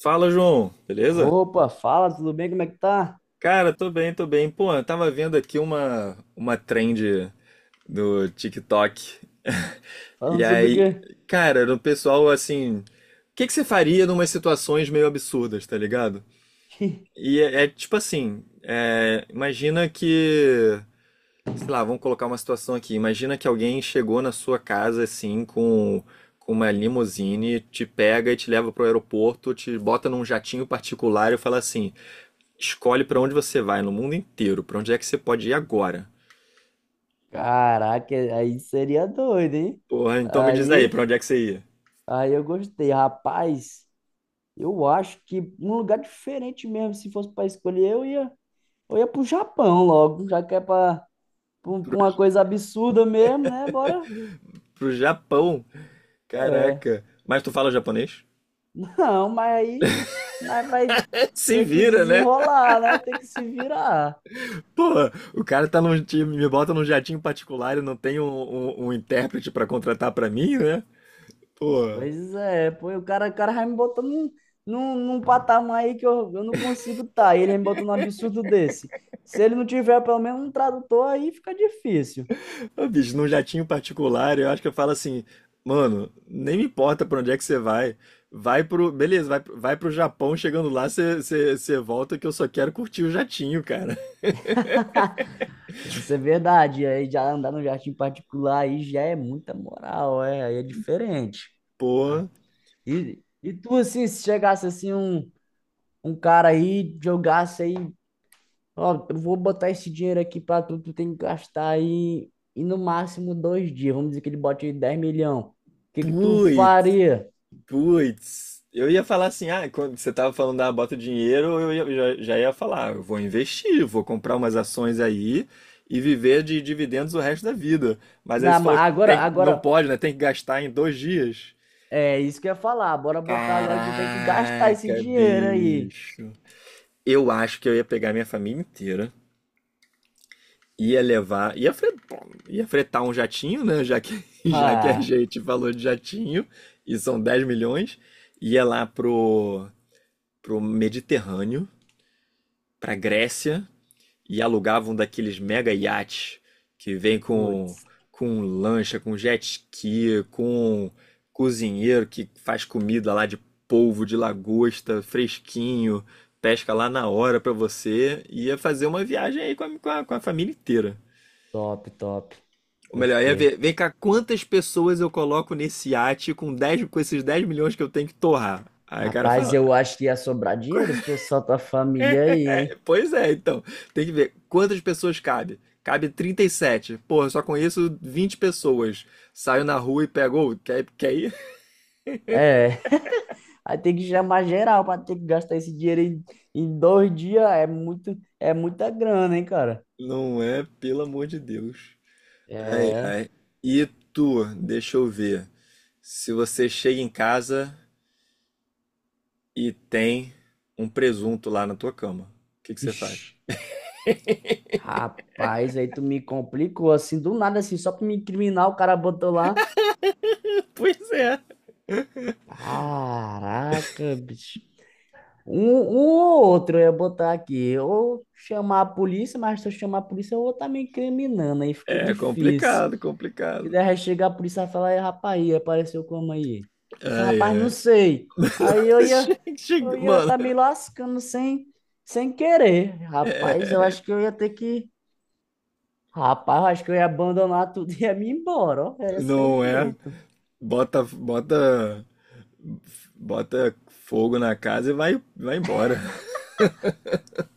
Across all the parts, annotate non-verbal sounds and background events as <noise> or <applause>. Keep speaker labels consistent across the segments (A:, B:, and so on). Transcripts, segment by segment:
A: Fala, João, beleza?
B: Opa, fala, tudo bem? Como é que tá?
A: Cara, tô bem, tô bem. Pô, eu tava vendo aqui uma trend no TikTok. E
B: Falando sobre o
A: aí, cara, o pessoal assim, o que que você faria numas situações meio absurdas, tá ligado?
B: quê? <laughs>
A: E é tipo assim, é, imagina que, sei lá, vamos colocar uma situação aqui. Imagina que alguém chegou na sua casa assim com uma limusine, te pega e te leva pro aeroporto, te bota num jatinho particular e fala assim: escolhe pra onde você vai no mundo inteiro, pra onde é que você pode ir agora.
B: Caraca, aí seria doido, hein?
A: Porra, então me diz aí, pra
B: Aí,
A: onde é que você ia?
B: aí, eu gostei. Rapaz, eu acho que um lugar diferente mesmo, se fosse para escolher, eu ia pro Japão logo, já que é pra uma coisa absurda mesmo, né? Bora.
A: Pro Japão.
B: É.
A: Caraca. Mas tu fala japonês?
B: <laughs> Não, mas aí nós vai
A: <laughs> Se
B: ter que
A: vira, né?
B: desenrolar, né? Ter que se virar.
A: Porra, o cara tá num time, me bota num jatinho particular e não tem um, um intérprete pra contratar pra mim, né? Porra.
B: Pois é, pô, o cara vai me botando num patamar aí que eu não consigo estar. Tá. Ele me botou num absurdo desse. Se ele não tiver pelo menos um tradutor, aí fica difícil.
A: Ô, bicho, num jatinho particular, eu acho que eu falo assim, mano, nem me importa pra onde é que você vai. Vai pro. Beleza, vai pro Japão, chegando lá, você volta que eu só quero curtir o jatinho, cara.
B: <laughs> Isso é verdade. Aí já andar no jardim particular aí já é muita moral, é, aí é diferente. Ai.
A: Porra.
B: E tu, assim, se chegasse assim um, um cara aí, jogasse aí. Ó, eu vou botar esse dinheiro aqui pra tu, tu tem que gastar aí e no máximo 2 dias. Vamos dizer que ele bote aí 10 milhões. O que que tu
A: Putz,
B: faria?
A: putz. Eu ia falar assim, ah, quando você tava falando da bota dinheiro, já, já ia falar, eu vou investir, vou comprar umas ações aí e viver de dividendos o resto da vida. Mas aí
B: Na,
A: você
B: ma-
A: falou que
B: agora,
A: não
B: agora,
A: pode, né? Tem que gastar em 2 dias.
B: é isso que eu ia falar. Bora botar agora que tu tem que gastar esse
A: Caraca,
B: dinheiro aí.
A: bicho. Eu acho que eu ia pegar minha família inteira, ia levar, ia fretar um jatinho, né? Já que, <laughs> já que a
B: Ah,
A: gente falou de jatinho, e são 10 milhões, ia lá pro Mediterrâneo, pra Grécia, e alugavam daqueles mega iates que vem
B: putz,
A: com lancha, com jet ski, com cozinheiro que faz comida lá de polvo, de lagosta, fresquinho, pesca lá na hora pra você, e ia fazer uma viagem aí com a família inteira.
B: top, top.
A: Ou melhor, ia
B: Gostei.
A: ver, vem cá, quantas pessoas eu coloco nesse iate com, 10 com esses 10 milhões que eu tenho que torrar? Aí o cara
B: Rapaz,
A: fala,
B: eu acho que ia sobrar dinheiro se fosse só tua família aí, hein?
A: pois é, então. Tem que ver quantas pessoas cabe. Cabe 37. Porra, eu só conheço 20 pessoas. Saio na rua e pego, ô, quer, quer ir? <laughs>
B: É, aí tem que chamar geral pra ter que gastar esse dinheiro em 2 dias. É muita grana, hein, cara?
A: Não é, pelo amor de Deus. Ai,
B: É.
A: ai. E tu, deixa eu ver. Se você chega em casa e tem um presunto lá na tua cama, o que que você faz?
B: Ixi. Rapaz, aí tu me complicou assim, do nada assim, só pra me incriminar, o cara botou lá.
A: <laughs> Pois é.
B: Caraca, bicho. Um ou outro eu ia botar aqui. Ou chamar a polícia, mas se eu chamar a polícia, eu vou estar me incriminando, aí fica
A: É
B: difícil.
A: complicado,
B: Que
A: complicado.
B: daí chegar a polícia e falar: "Ei, rapaz, aí, apareceu como aí?" Eu falo:
A: Ai,
B: rapaz, não
A: ai.
B: sei. Aí
A: <laughs>
B: eu ia, eu ia
A: Mano.
B: estar me lascando sem querer. Rapaz, eu acho que eu ia abandonar tudo e ia me embora, ó. Ia ser o
A: Não é?
B: jeito.
A: Bota, bota, bota fogo na casa e vai embora. <laughs>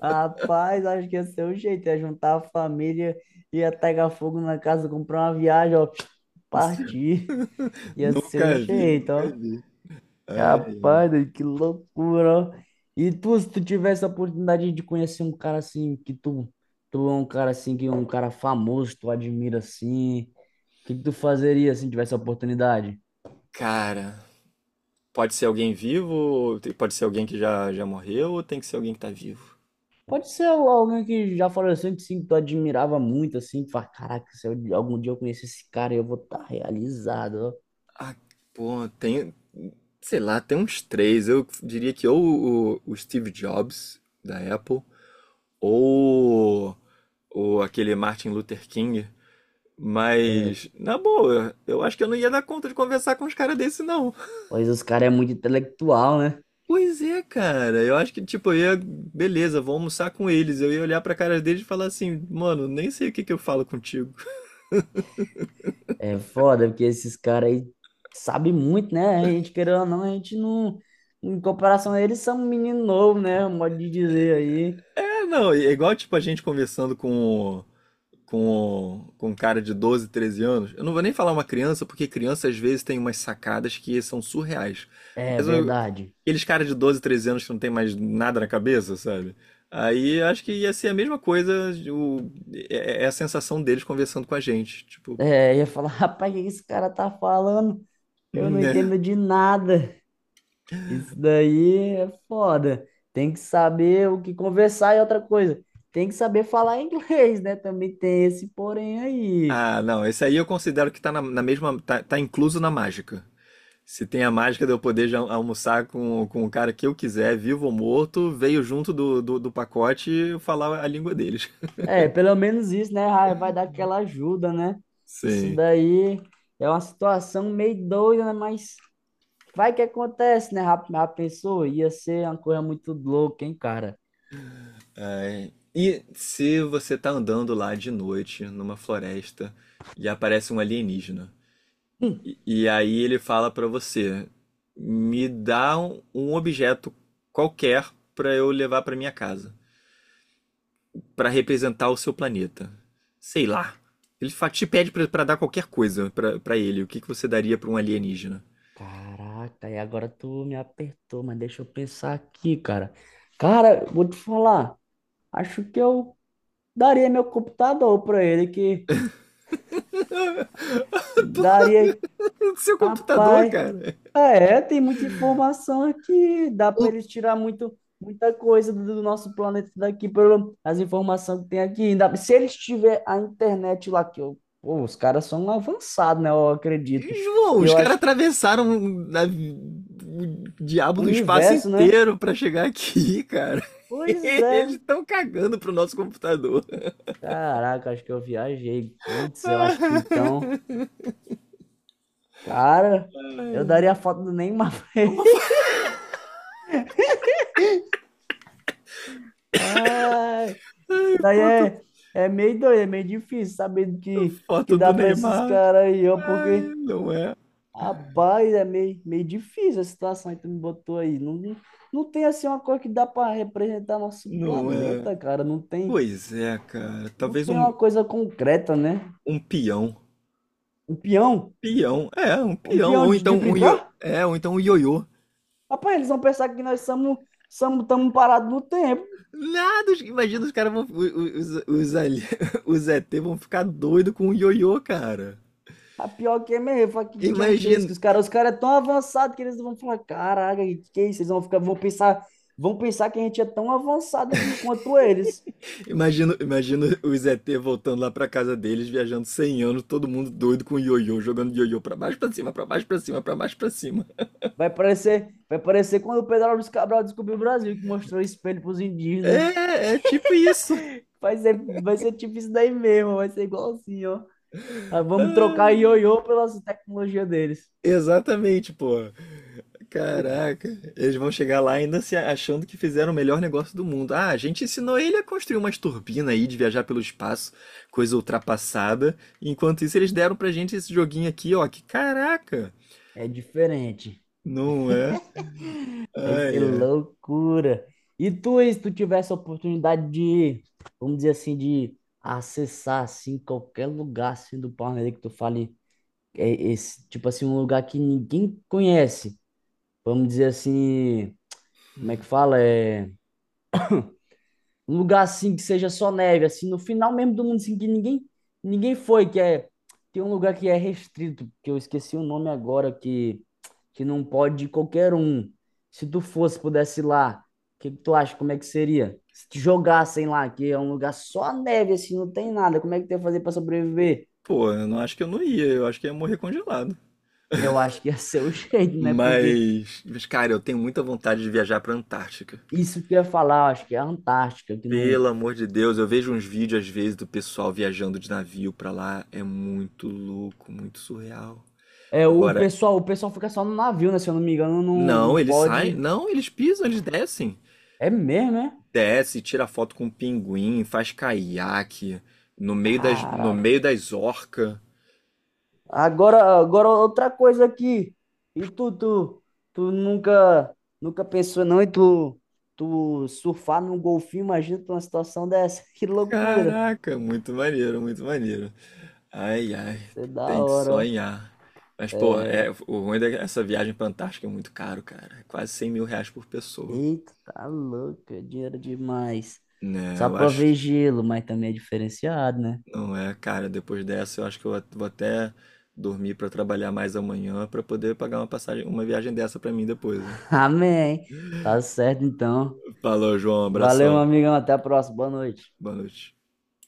B: Rapaz, acho que ia ser o jeito. Ia juntar a família, ia pegar fogo na casa, comprar uma viagem, ó.
A: Isso.
B: Partir. Ia ser o
A: Nunca vi,
B: jeito,
A: nunca
B: ó.
A: vi. Ai,
B: Rapaz, doido, que loucura, ó. E tu, se tu tivesse a oportunidade de conhecer um cara assim, que tu é um cara assim, que é um cara famoso, tu admira assim, o que que tu fazeria assim, tivesse a oportunidade?
A: cara, pode ser alguém vivo, pode ser alguém que já morreu, ou tem que ser alguém que tá vivo?
B: Pode ser alguém que já faleceu assim, que sim, que tu admirava muito, assim, que fala, caraca, se eu- algum dia eu conhecer esse cara, eu vou estar realizado,
A: Ah, pô, tem, sei lá, tem uns 3. Eu diria que ou o Steve Jobs, da Apple, ou, o aquele Martin Luther King.
B: ó. Ah,
A: Mas, na boa, eu acho que eu não ia dar conta de conversar com uns caras desse, não.
B: pois os caras é muito intelectual, né?
A: Pois é, cara. Eu acho que, tipo, eu ia, beleza, vou almoçar com eles. Eu ia olhar pra cara deles e falar assim, mano, nem sei o que que eu falo contigo.
B: É foda, porque esses caras aí sabem muito, né? A gente, querendo ou não, a gente não... Em comparação a eles, são um menino novo, né? Um modo de dizer aí.
A: É, não, é igual, tipo, a gente conversando com um cara de 12, 13 anos. Eu não vou nem falar uma criança, porque criança às vezes tem umas sacadas que são surreais.
B: É
A: Mas eu-
B: verdade.
A: Aqueles caras de 12, 13 anos que não tem mais nada na cabeça, sabe? Aí eu acho que ia ser a mesma coisa, o, é, é a sensação deles conversando com a gente. Tipo,
B: É, eu ia falar, <laughs> rapaz, o que esse cara tá falando? Eu não
A: né?
B: entendo de nada. Isso daí é foda. Tem que saber o que conversar e outra coisa. Tem que saber falar <laughs> inglês, né? Também tem esse porém aí.
A: Ah, não, esse aí eu considero que tá na mesma. Tá, tá incluso na mágica. Se tem a mágica de eu poder já almoçar com o cara que eu quiser, vivo ou morto, veio junto do pacote e eu falar a língua deles.
B: É, pelo menos isso, né? Vai dar aquela ajuda, né? Isso
A: Sim.
B: daí é uma situação meio doida, né? Mas vai que acontece, né? rap Já pensou? Ia ser uma coisa muito louca, hein, cara?
A: É, e se você tá andando lá de noite numa floresta e aparece um alienígena, e aí ele fala pra você: me dá um, um objeto qualquer pra eu levar pra minha casa, pra representar o seu planeta. Sei lá. Te pede pra dar qualquer coisa pra ele. O que que você daria pra um alienígena?
B: Caraca, e agora tu me apertou, mas deixa eu pensar aqui, cara. Cara, vou te falar. Acho que eu daria meu computador para ele, que daria.
A: <laughs> O seu computador,
B: Rapaz,
A: cara.
B: é, tem muita informação aqui. Dá para eles tirar muito, muita coisa do nosso planeta daqui, pelo as informações que tem aqui. Ainda, se eles tiver a internet lá, que eu, pô, os caras são avançados, né? Eu acredito.
A: João,
B: E
A: os
B: eu
A: caras
B: acho que
A: atravessaram a- o diabo
B: o
A: do espaço
B: universo, né?
A: inteiro pra chegar aqui, cara.
B: Pois
A: <laughs> Eles
B: é.
A: estão cagando pro nosso computador.
B: Caraca, acho que eu viajei. Putz, eu acho que então,
A: <laughs>
B: cara, eu
A: Ai.
B: daria a foto do Neymar.
A: Uma
B: <laughs> Ai. Daí
A: foto,
B: é, é meio doido, é meio difícil saber que
A: foto do
B: dá pra esses
A: Neymar.
B: caras aí, ó,
A: Ai,
B: porque,
A: não é.
B: rapaz, é meio, meio difícil a situação que tu me botou aí. Não, não não tem, assim, uma coisa que dá pra representar nosso
A: Não é.
B: planeta, cara. Não tem,
A: Pois é, cara.
B: não
A: Talvez
B: tem
A: um,
B: uma coisa concreta, né?
A: um peão.
B: Um peão?
A: Peão. É, um
B: Um
A: peão.
B: peão
A: Ou
B: de
A: então um io...
B: brincar?
A: É, ou então um ioiô.
B: Rapaz, eles vão pensar que nós somos, estamos parados no tempo.
A: Nada, imagina os caras vão. <laughs> Os ET vão ficar doido com o ioiô, cara.
B: A pior que é mesmo, eu falo, que diacho é esse?
A: Imagina,
B: Que os caras é tão avançados que eles vão falar, caraca, que é isso? Eles vão ficar, vão pensar que a gente é tão avançado quanto eles.
A: imagina os ET voltando lá pra casa deles, viajando 100 anos, todo mundo doido com o ioiô, jogando ioiô pra baixo, pra cima, pra baixo, pra cima, pra baixo, pra cima.
B: Vai parecer quando o Pedro Álvares Cabral descobriu o Brasil, que mostrou o espelho pros indígenas.
A: É, é tipo isso.
B: Vai ser, vai ser tipo isso daí mesmo, vai ser igual assim, ó. Ah, vamos trocar
A: Ah.
B: ioiô pela tecnologia deles.
A: Exatamente, pô.
B: Putz,
A: Caraca, eles vão chegar lá ainda se achando que fizeram o melhor negócio do mundo. Ah, a gente ensinou ele a construir umas turbinas aí de viajar pelo espaço, coisa ultrapassada. Enquanto isso, eles deram pra gente esse joguinho aqui, ó. Que caraca!
B: é diferente.
A: Não é?
B: Vai ser
A: Ai, ai.
B: loucura. E tu, e se tu tivesse a oportunidade de, vamos dizer assim, de acessar assim qualquer lugar assim do planeta que tu fale, é esse, tipo assim, um lugar que ninguém conhece. Vamos dizer assim, como é que fala? É um lugar assim que seja só neve, assim, no final mesmo do mundo, assim, que ninguém foi, que é. Tem um lugar que é restrito, que eu esqueci o nome agora, que não pode ir qualquer um. Se tu fosse, pudesse ir lá, o que, que tu acha? Como é que seria? Se te jogassem lá, que é um lugar só neve, assim, não tem nada, como é que tu ia fazer para sobreviver?
A: Pô, eu não acho que eu não ia, eu acho que ia morrer congelado.
B: Eu acho que ia ser o <laughs> jeito, né? Porque
A: Mas, cara, eu tenho muita vontade de viajar pra Antártica.
B: isso que eu ia falar, eu acho que é a Antártica, que não.
A: Pelo amor de Deus, eu vejo uns vídeos às vezes do pessoal viajando de navio pra lá, é muito louco, muito surreal.
B: É, o
A: Agora,
B: pessoal, o pessoal fica só no navio, né? Se eu não me engano, não, não
A: não, eles saem,
B: pode.
A: não, eles pisam, eles descem.
B: É mesmo, né?
A: Desce, tira foto com um pinguim, faz caiaque no meio
B: Cara,
A: das orcas.
B: agora outra coisa aqui. E tu nunca, nunca pensou não em tu surfar num golfinho? Imagina tu numa situação dessa. <laughs> Que loucura.
A: Caraca, muito maneiro, muito maneiro. Ai, ai,
B: Ia ser da
A: tem que
B: hora, ó.
A: sonhar. Mas, pô, é, o ruim dessa viagem pra Antártica é muito caro, cara. É quase R$ 100.000 por pessoa.
B: Eita, tá louco. É dinheiro demais.
A: Né,
B: Só
A: eu
B: pra
A: acho.
B: ver gelo, mas também é diferenciado, né?
A: Não é, cara, depois dessa eu acho que eu vou até dormir pra trabalhar mais amanhã pra poder pagar uma passagem, uma viagem dessa pra mim depois, hein?
B: <laughs> Amém. Tá certo, então.
A: Falou, João,
B: Valeu, meu
A: abração.
B: amigão. Até a próxima. Boa noite.
A: Boa noite.